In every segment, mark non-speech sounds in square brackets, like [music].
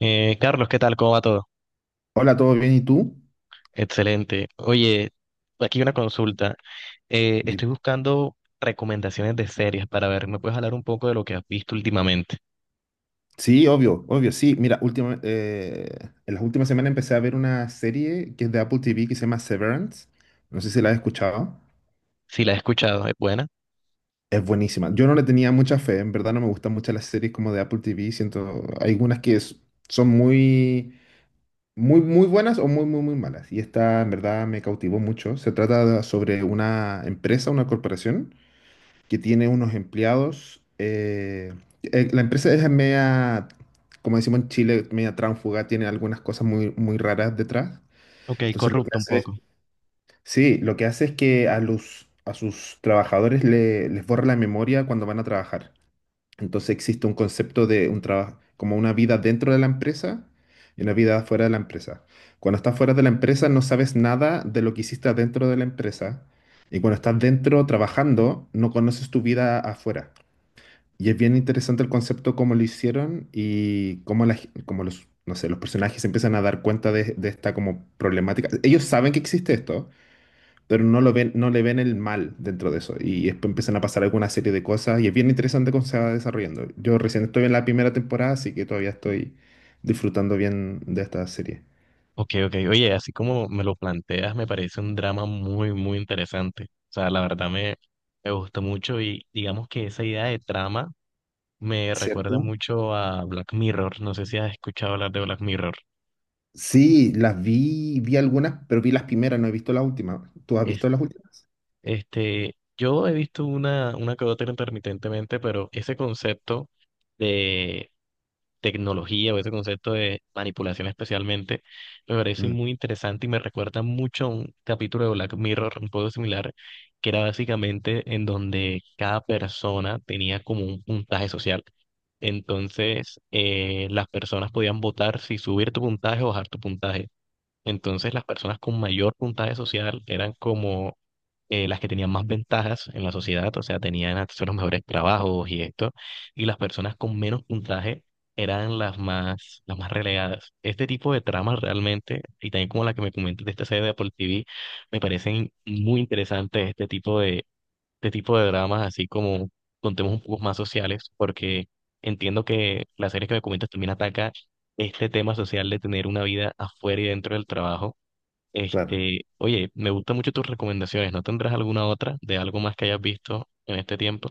Carlos, ¿qué tal? ¿Cómo va todo? Hola, ¿todo bien? ¿Y tú? Excelente. Oye, aquí una consulta. Di- Estoy buscando recomendaciones de series para ver. ¿Me puedes hablar un poco de lo que has visto últimamente? Sí, obvio, sí. Mira, en las últimas semanas empecé a ver una serie que es de Apple TV que se llama Severance. No sé si la has escuchado. Si la he escuchado, ¿es buena? Es buenísima. Yo no le tenía mucha fe, en verdad no me gustan mucho las series como de Apple TV. Siento, hay algunas son muy, muy buenas o muy, muy malas. Y esta en verdad me cautivó mucho. Sobre una empresa, una corporación, que tiene unos empleados. La empresa es media, como decimos en Chile, media tránfuga, tiene algunas cosas muy, muy raras detrás. Ok, Entonces lo que corrupta un hace es, poco. sí, lo que hace es que a sus trabajadores les borra la memoria cuando van a trabajar. Entonces existe un concepto de un trabajo, como una vida dentro de la empresa y una vida fuera de la empresa. Cuando estás fuera de la empresa no sabes nada de lo que hiciste adentro de la empresa. Y cuando estás dentro trabajando, no conoces tu vida afuera. Y es bien interesante el concepto cómo lo hicieron y cómo los, no sé, los personajes se empiezan a dar cuenta de esta como problemática. Ellos saben que existe esto, pero no lo ven, no le ven el mal dentro de eso. Y después empiezan a pasar alguna serie de cosas y es bien interesante cómo se va desarrollando. Yo recién estoy en la primera temporada, así que todavía estoy disfrutando bien de esta serie. Ok, ok. Oye, así como me lo planteas, me parece un drama muy, muy interesante. O sea, la verdad me gustó mucho y digamos que esa idea de trama me recuerda ¿Cierto? mucho a Black Mirror. No sé si has escuchado hablar de Black Mirror. Sí, vi algunas, pero vi las primeras, no he visto las últimas. ¿Tú has Eh, visto las últimas? Yo he visto una que otra intermitentemente, pero ese concepto de tecnología o ese concepto de manipulación especialmente me parece Mm, muy interesante y me recuerda mucho a un capítulo de Black Mirror un poco similar, que era básicamente en donde cada persona tenía como un puntaje social. Entonces, las personas podían votar si subir tu puntaje o bajar tu puntaje. Entonces las personas con mayor puntaje social eran como las que tenían más ventajas en la sociedad, o sea, tenían acceso a los mejores trabajos y esto, y las personas con menos puntaje eran las más relegadas. Este tipo de tramas realmente, y también como la que me comentas de esta serie de Apple TV, me parecen muy interesantes este tipo de dramas, así como contemos un poco más sociales, porque entiendo que la serie que me comentas también ataca este tema social de tener una vida afuera y dentro del trabajo. claro. Este, oye, me gustan mucho tus recomendaciones. ¿No tendrás alguna otra de algo más que hayas visto en este tiempo?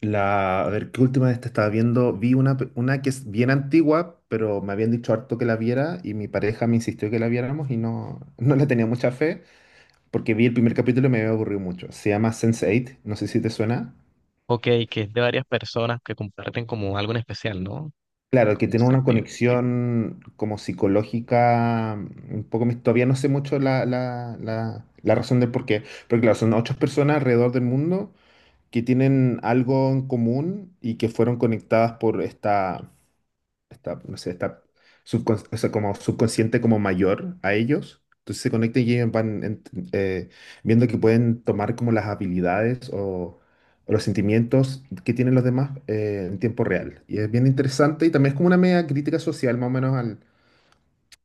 A ver, ¿qué última de esta estaba viendo? Vi una, una que es bien antigua, pero me habían dicho harto que la viera y mi pareja me insistió que la viéramos y no, no le tenía mucha fe porque vi el primer capítulo y me había aburrido mucho. Se llama sense Eight, no sé si te suena. Ok, que es de varias personas que comparten como algo en especial, ¿no? Claro, que Como un tiene una sentido. conexión como psicológica, mm, un poco, todavía no sé mucho la razón del por qué, pero claro, son ocho personas alrededor del mundo que tienen algo en común y que fueron conectadas por esta... está, no sé, está o sea, como subconsciente como mayor a ellos. Entonces se conectan y ellos viendo que pueden tomar como las habilidades o los sentimientos que tienen los demás en tiempo real. Y es bien interesante y también es como una media crítica social más o menos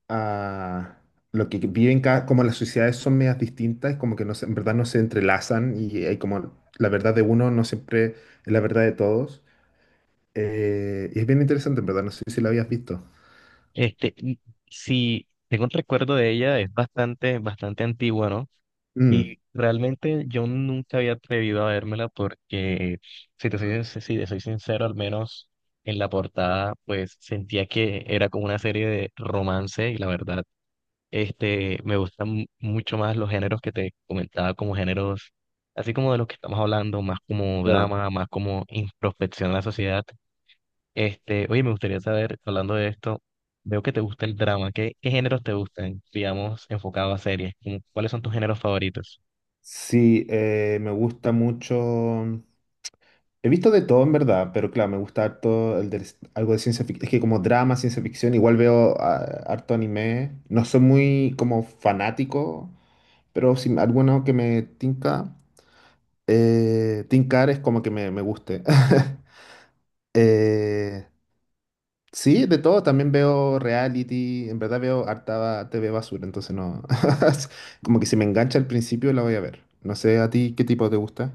a lo que viven cada, como las sociedades son medias distintas, como que en verdad no se entrelazan y hay como la verdad de uno no siempre es la verdad de todos. Y es bien interesante, en verdad, no sé si lo habías visto. Este, y si tengo un recuerdo de ella, es bastante, bastante antigua, ¿no? Mm. Y realmente yo nunca había atrevido a vérmela porque, si te soy sincero, al menos en la portada, pues sentía que era como una serie de romance y la verdad, este, me gustan mucho más los géneros que te comentaba como géneros, así como de los que estamos hablando, más como Claro. drama, más como introspección a la sociedad. Este, oye, me gustaría saber, hablando de esto, veo que te gusta el drama, ¿qué géneros te gustan, digamos, enfocado a series? ¿Cuáles son tus géneros favoritos? Sí, me gusta mucho. He visto de todo en verdad, pero claro, me gusta harto algo de ciencia ficción. Es que como drama, ciencia ficción, igual veo ah, harto anime. No soy muy como fanático, pero si alguno que me tinca, tincar es como que me guste. [laughs] Eh, sí, de todo. También veo reality. En verdad veo harta TV basura, entonces no. [laughs] Como que si me engancha al principio la voy a ver. No sé a ti qué tipo te gusta.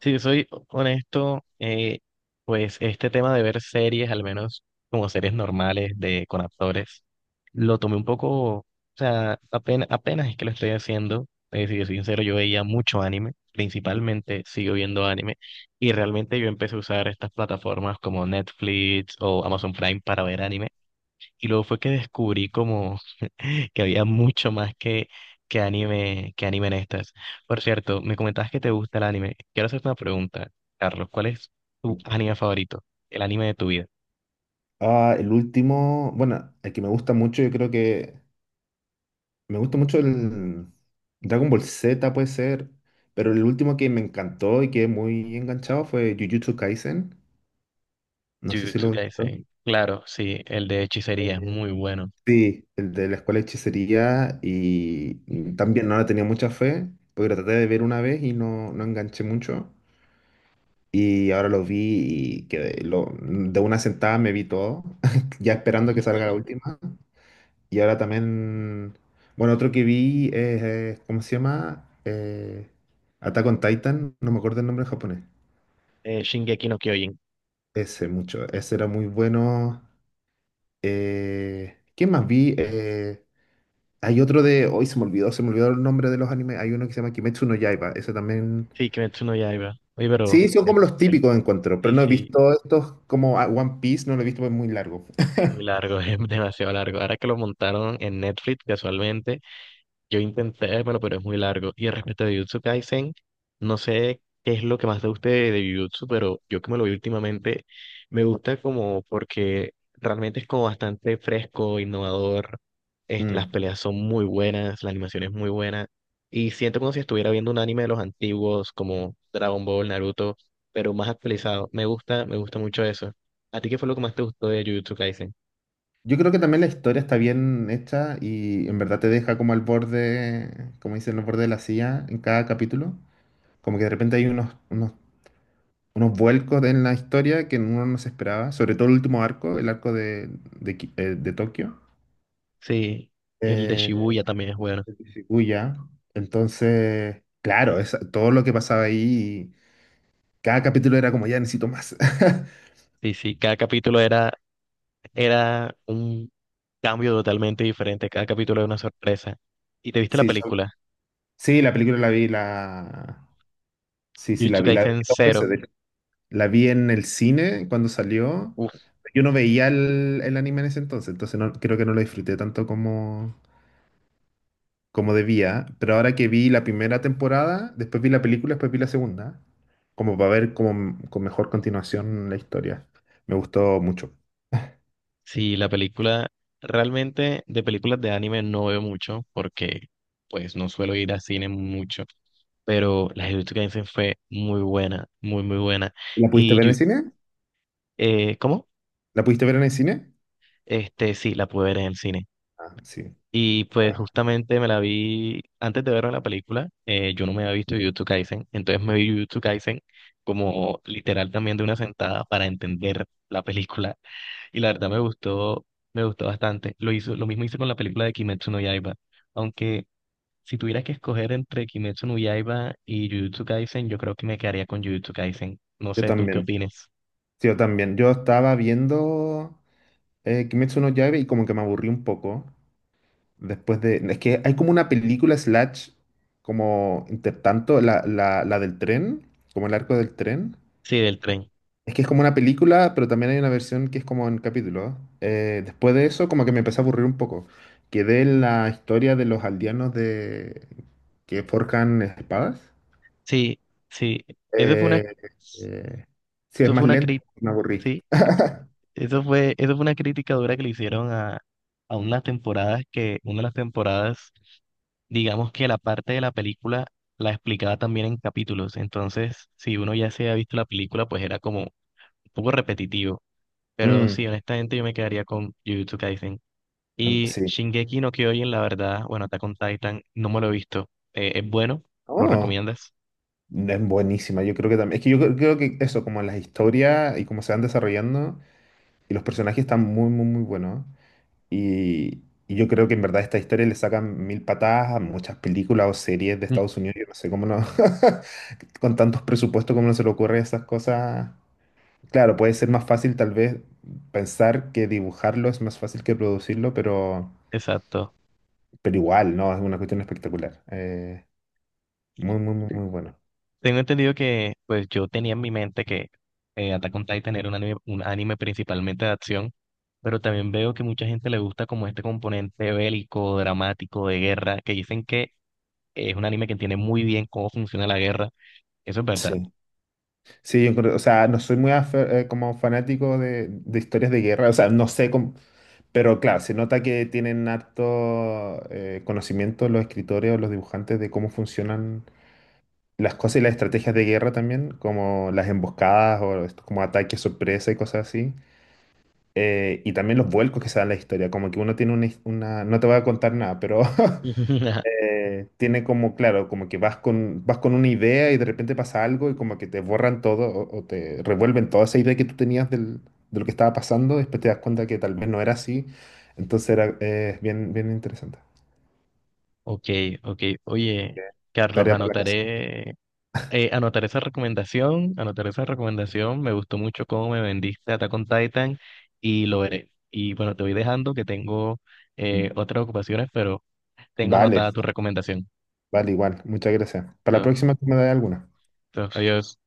Si soy honesto, pues este tema de ver series, al menos como series normales de con actores, lo tomé un poco, o sea, apenas, apenas es que lo estoy haciendo. Si yo soy sincero, yo veía mucho anime, principalmente sigo viendo anime, y realmente yo empecé a usar estas plataformas como Netflix o Amazon Prime para ver anime. Y luego fue que descubrí como [laughs] que había mucho más que que anime en estas. Por cierto, me comentabas que te gusta el anime. Quiero hacerte una pregunta, Carlos. ¿Cuál es tu anime favorito? El anime de tu vida. Ah, el último, bueno, el que me gusta mucho, yo creo que me gusta mucho el Dragon Ball Z puede ser, pero el último que me encantó y quedé muy enganchado fue Jujutsu Kaisen. No sé si lo Jujutsu has visto. Kaisen. Claro, sí, el de hechicería es muy bueno. Sí, el de la escuela de hechicería y también no le tenía mucha fe, porque lo traté de ver una vez y no, no enganché mucho. Y ahora lo vi y quedé, lo, de una sentada me vi todo, [laughs] ya esperando que salga la última. Y ahora también, bueno, otro que vi es, ¿cómo se llama? Attack on Titan, no me acuerdo el nombre en japonés. Shingeki no Kyojin. Ese mucho, ese era muy bueno. ¿Qué más vi? Hay otro de, hoy se me olvidó el nombre de los animes. Hay uno que se llama Kimetsu no Yaiba, ese también. Sí, Kimetsu no Yaiba. Oye, Sí, son como los típicos encuentro, pero sí, no he sí, visto estos como ah, One Piece, no lo he visto, es muy largo. es muy largo, [laughs] es demasiado largo. Ahora que lo montaron en Netflix casualmente. Yo intenté vérmelo, pero es muy largo. Y respecto a Jujutsu Kaisen, no sé qué es lo que más te guste de Jujutsu, pero yo que me lo vi últimamente, me gusta como porque realmente es como bastante fresco, innovador. Este, las Mm. peleas son muy buenas, la animación es muy buena. Y siento como si estuviera viendo un anime de los antiguos, como Dragon Ball, Naruto, pero más actualizado. Me gusta mucho eso. ¿A ti qué fue lo que más te gustó de Jujutsu Kaisen? Yo creo que también la historia está bien hecha y en verdad te deja como al borde, como dicen, al borde de la silla en cada capítulo. Como que de repente hay unos vuelcos en la historia que uno no se esperaba, sobre todo el último arco, el arco de Tokio, Sí, el de eh, Shibuya también es bueno. de Shibuya. Entonces, claro, todo lo que pasaba ahí, cada capítulo era como, ya necesito más. [laughs] Sí, sí, cada capítulo era un cambio totalmente diferente. Cada capítulo era una sorpresa. ¿Y te viste la Sí, película? sí, la película la vi, la... Sí, sí, Jujutsu la vi Kaisen dos Zero. veces. La vi en el cine cuando salió. Uf, Yo no veía el anime en ese entonces, entonces no, creo que no lo disfruté tanto como, como debía. Pero ahora que vi la primera temporada, después vi la película, después vi la segunda, como para ver como, con mejor continuación la historia. Me gustó mucho. sí, la película, realmente de películas de anime no veo mucho porque pues no suelo ir a cine mucho, pero la de Jujutsu Kaisen fue muy buena, muy, muy buena. ¿La pudiste Y, ver en yo- el cine? ¿Cómo? ¿La pudiste ver en el cine? Este, sí, la pude ver en el cine. Ah, sí. Y pues Ah. justamente me la vi antes de ver la película, yo no me había visto Jujutsu Kaisen, entonces me vi Jujutsu Kaisen como literal también de una sentada para entender la película y la verdad me gustó bastante. Lo mismo hice con la película de Kimetsu no Yaiba, aunque si tuviera que escoger entre Kimetsu no Yaiba y Jujutsu Kaisen, yo creo que me quedaría con Jujutsu Kaisen. No Yo sé, ¿tú qué también. opinas? Sí, yo también. Yo estaba viendo Kimetsu no Yaiba y como que me aburrí un poco. Después de. Es que hay como una película slash, como intertanto, la del tren, como el arco del tren. Sí, del tren. Es que es como una película, pero también hay una versión que es como en capítulos. Después de eso, como que me empecé a aburrir un poco. Quedé en la historia de los aldeanos de que forjan espadas. Sí, sí, eso fue una, Eh, eh, sí, es eso fue más una lento, crítica, me aburrí. Eso fue una crítica dura que le hicieron a unas temporadas una de las temporadas, digamos que la parte de la película la explicaba también en capítulos. Entonces, si uno ya se ha visto la película, pues era como un poco repetitivo. Pero Mm, sí, honestamente yo me quedaría con Jujutsu Kaisen. no, Y sí. Shingeki no Kyojin, la verdad, bueno, Attack on Titan, no me lo he visto. ¿Es bueno? ¿Lo Oh, recomiendas? es buenísima. Yo creo que también. Es que yo creo que eso, como las historias y cómo se van desarrollando. Y los personajes están muy, muy, muy buenos. Y yo creo que en verdad esta historia le sacan mil patadas a muchas películas o series de Mm. Estados Unidos. Yo no sé cómo no, [laughs] con tantos presupuestos, cómo no se le ocurre esas cosas. Claro, puede ser más fácil tal vez pensar que dibujarlo es más fácil que producirlo, Exacto. pero igual, ¿no? Es una cuestión espectacular. Muy, muy, muy, muy bueno. Tengo entendido que, pues yo tenía en mi mente que Attack on Titan era un anime principalmente de acción, pero también veo que mucha gente le gusta como este componente bélico, dramático, de guerra, que dicen que es un anime que entiende muy bien cómo funciona la guerra. Eso es verdad. Sí, sí, yo creo- o sea, no soy como fanático de historias de guerra, o sea, no sé cómo. Pero claro, se nota que tienen harto conocimiento los escritores o los dibujantes de cómo funcionan las cosas y las estrategias de guerra también, como las emboscadas o estos como ataques sorpresa y cosas así. Y también los vuelcos que se dan en la historia, como que uno tiene No te voy a contar nada, pero [laughs] [laughs] tiene como, claro, como que vas con una idea y de repente pasa algo y como que te borran todo o te revuelven toda esa idea que tú tenías de lo que estaba pasando, después te das cuenta que tal vez no era así, entonces era bien interesante. Ok, ok. Ok. Oye, Carlos, Tarea por la casa. Anotar esa recomendación, anotar esa recomendación. Me gustó mucho cómo me vendiste Attack on Titan y lo veré. Y bueno, te voy dejando que tengo otras ocupaciones, pero tengo Vale, anotada tu recomendación. vale, igual, muchas gracias. Para la Entonces, próxima tú me das alguna. entonces, adiós.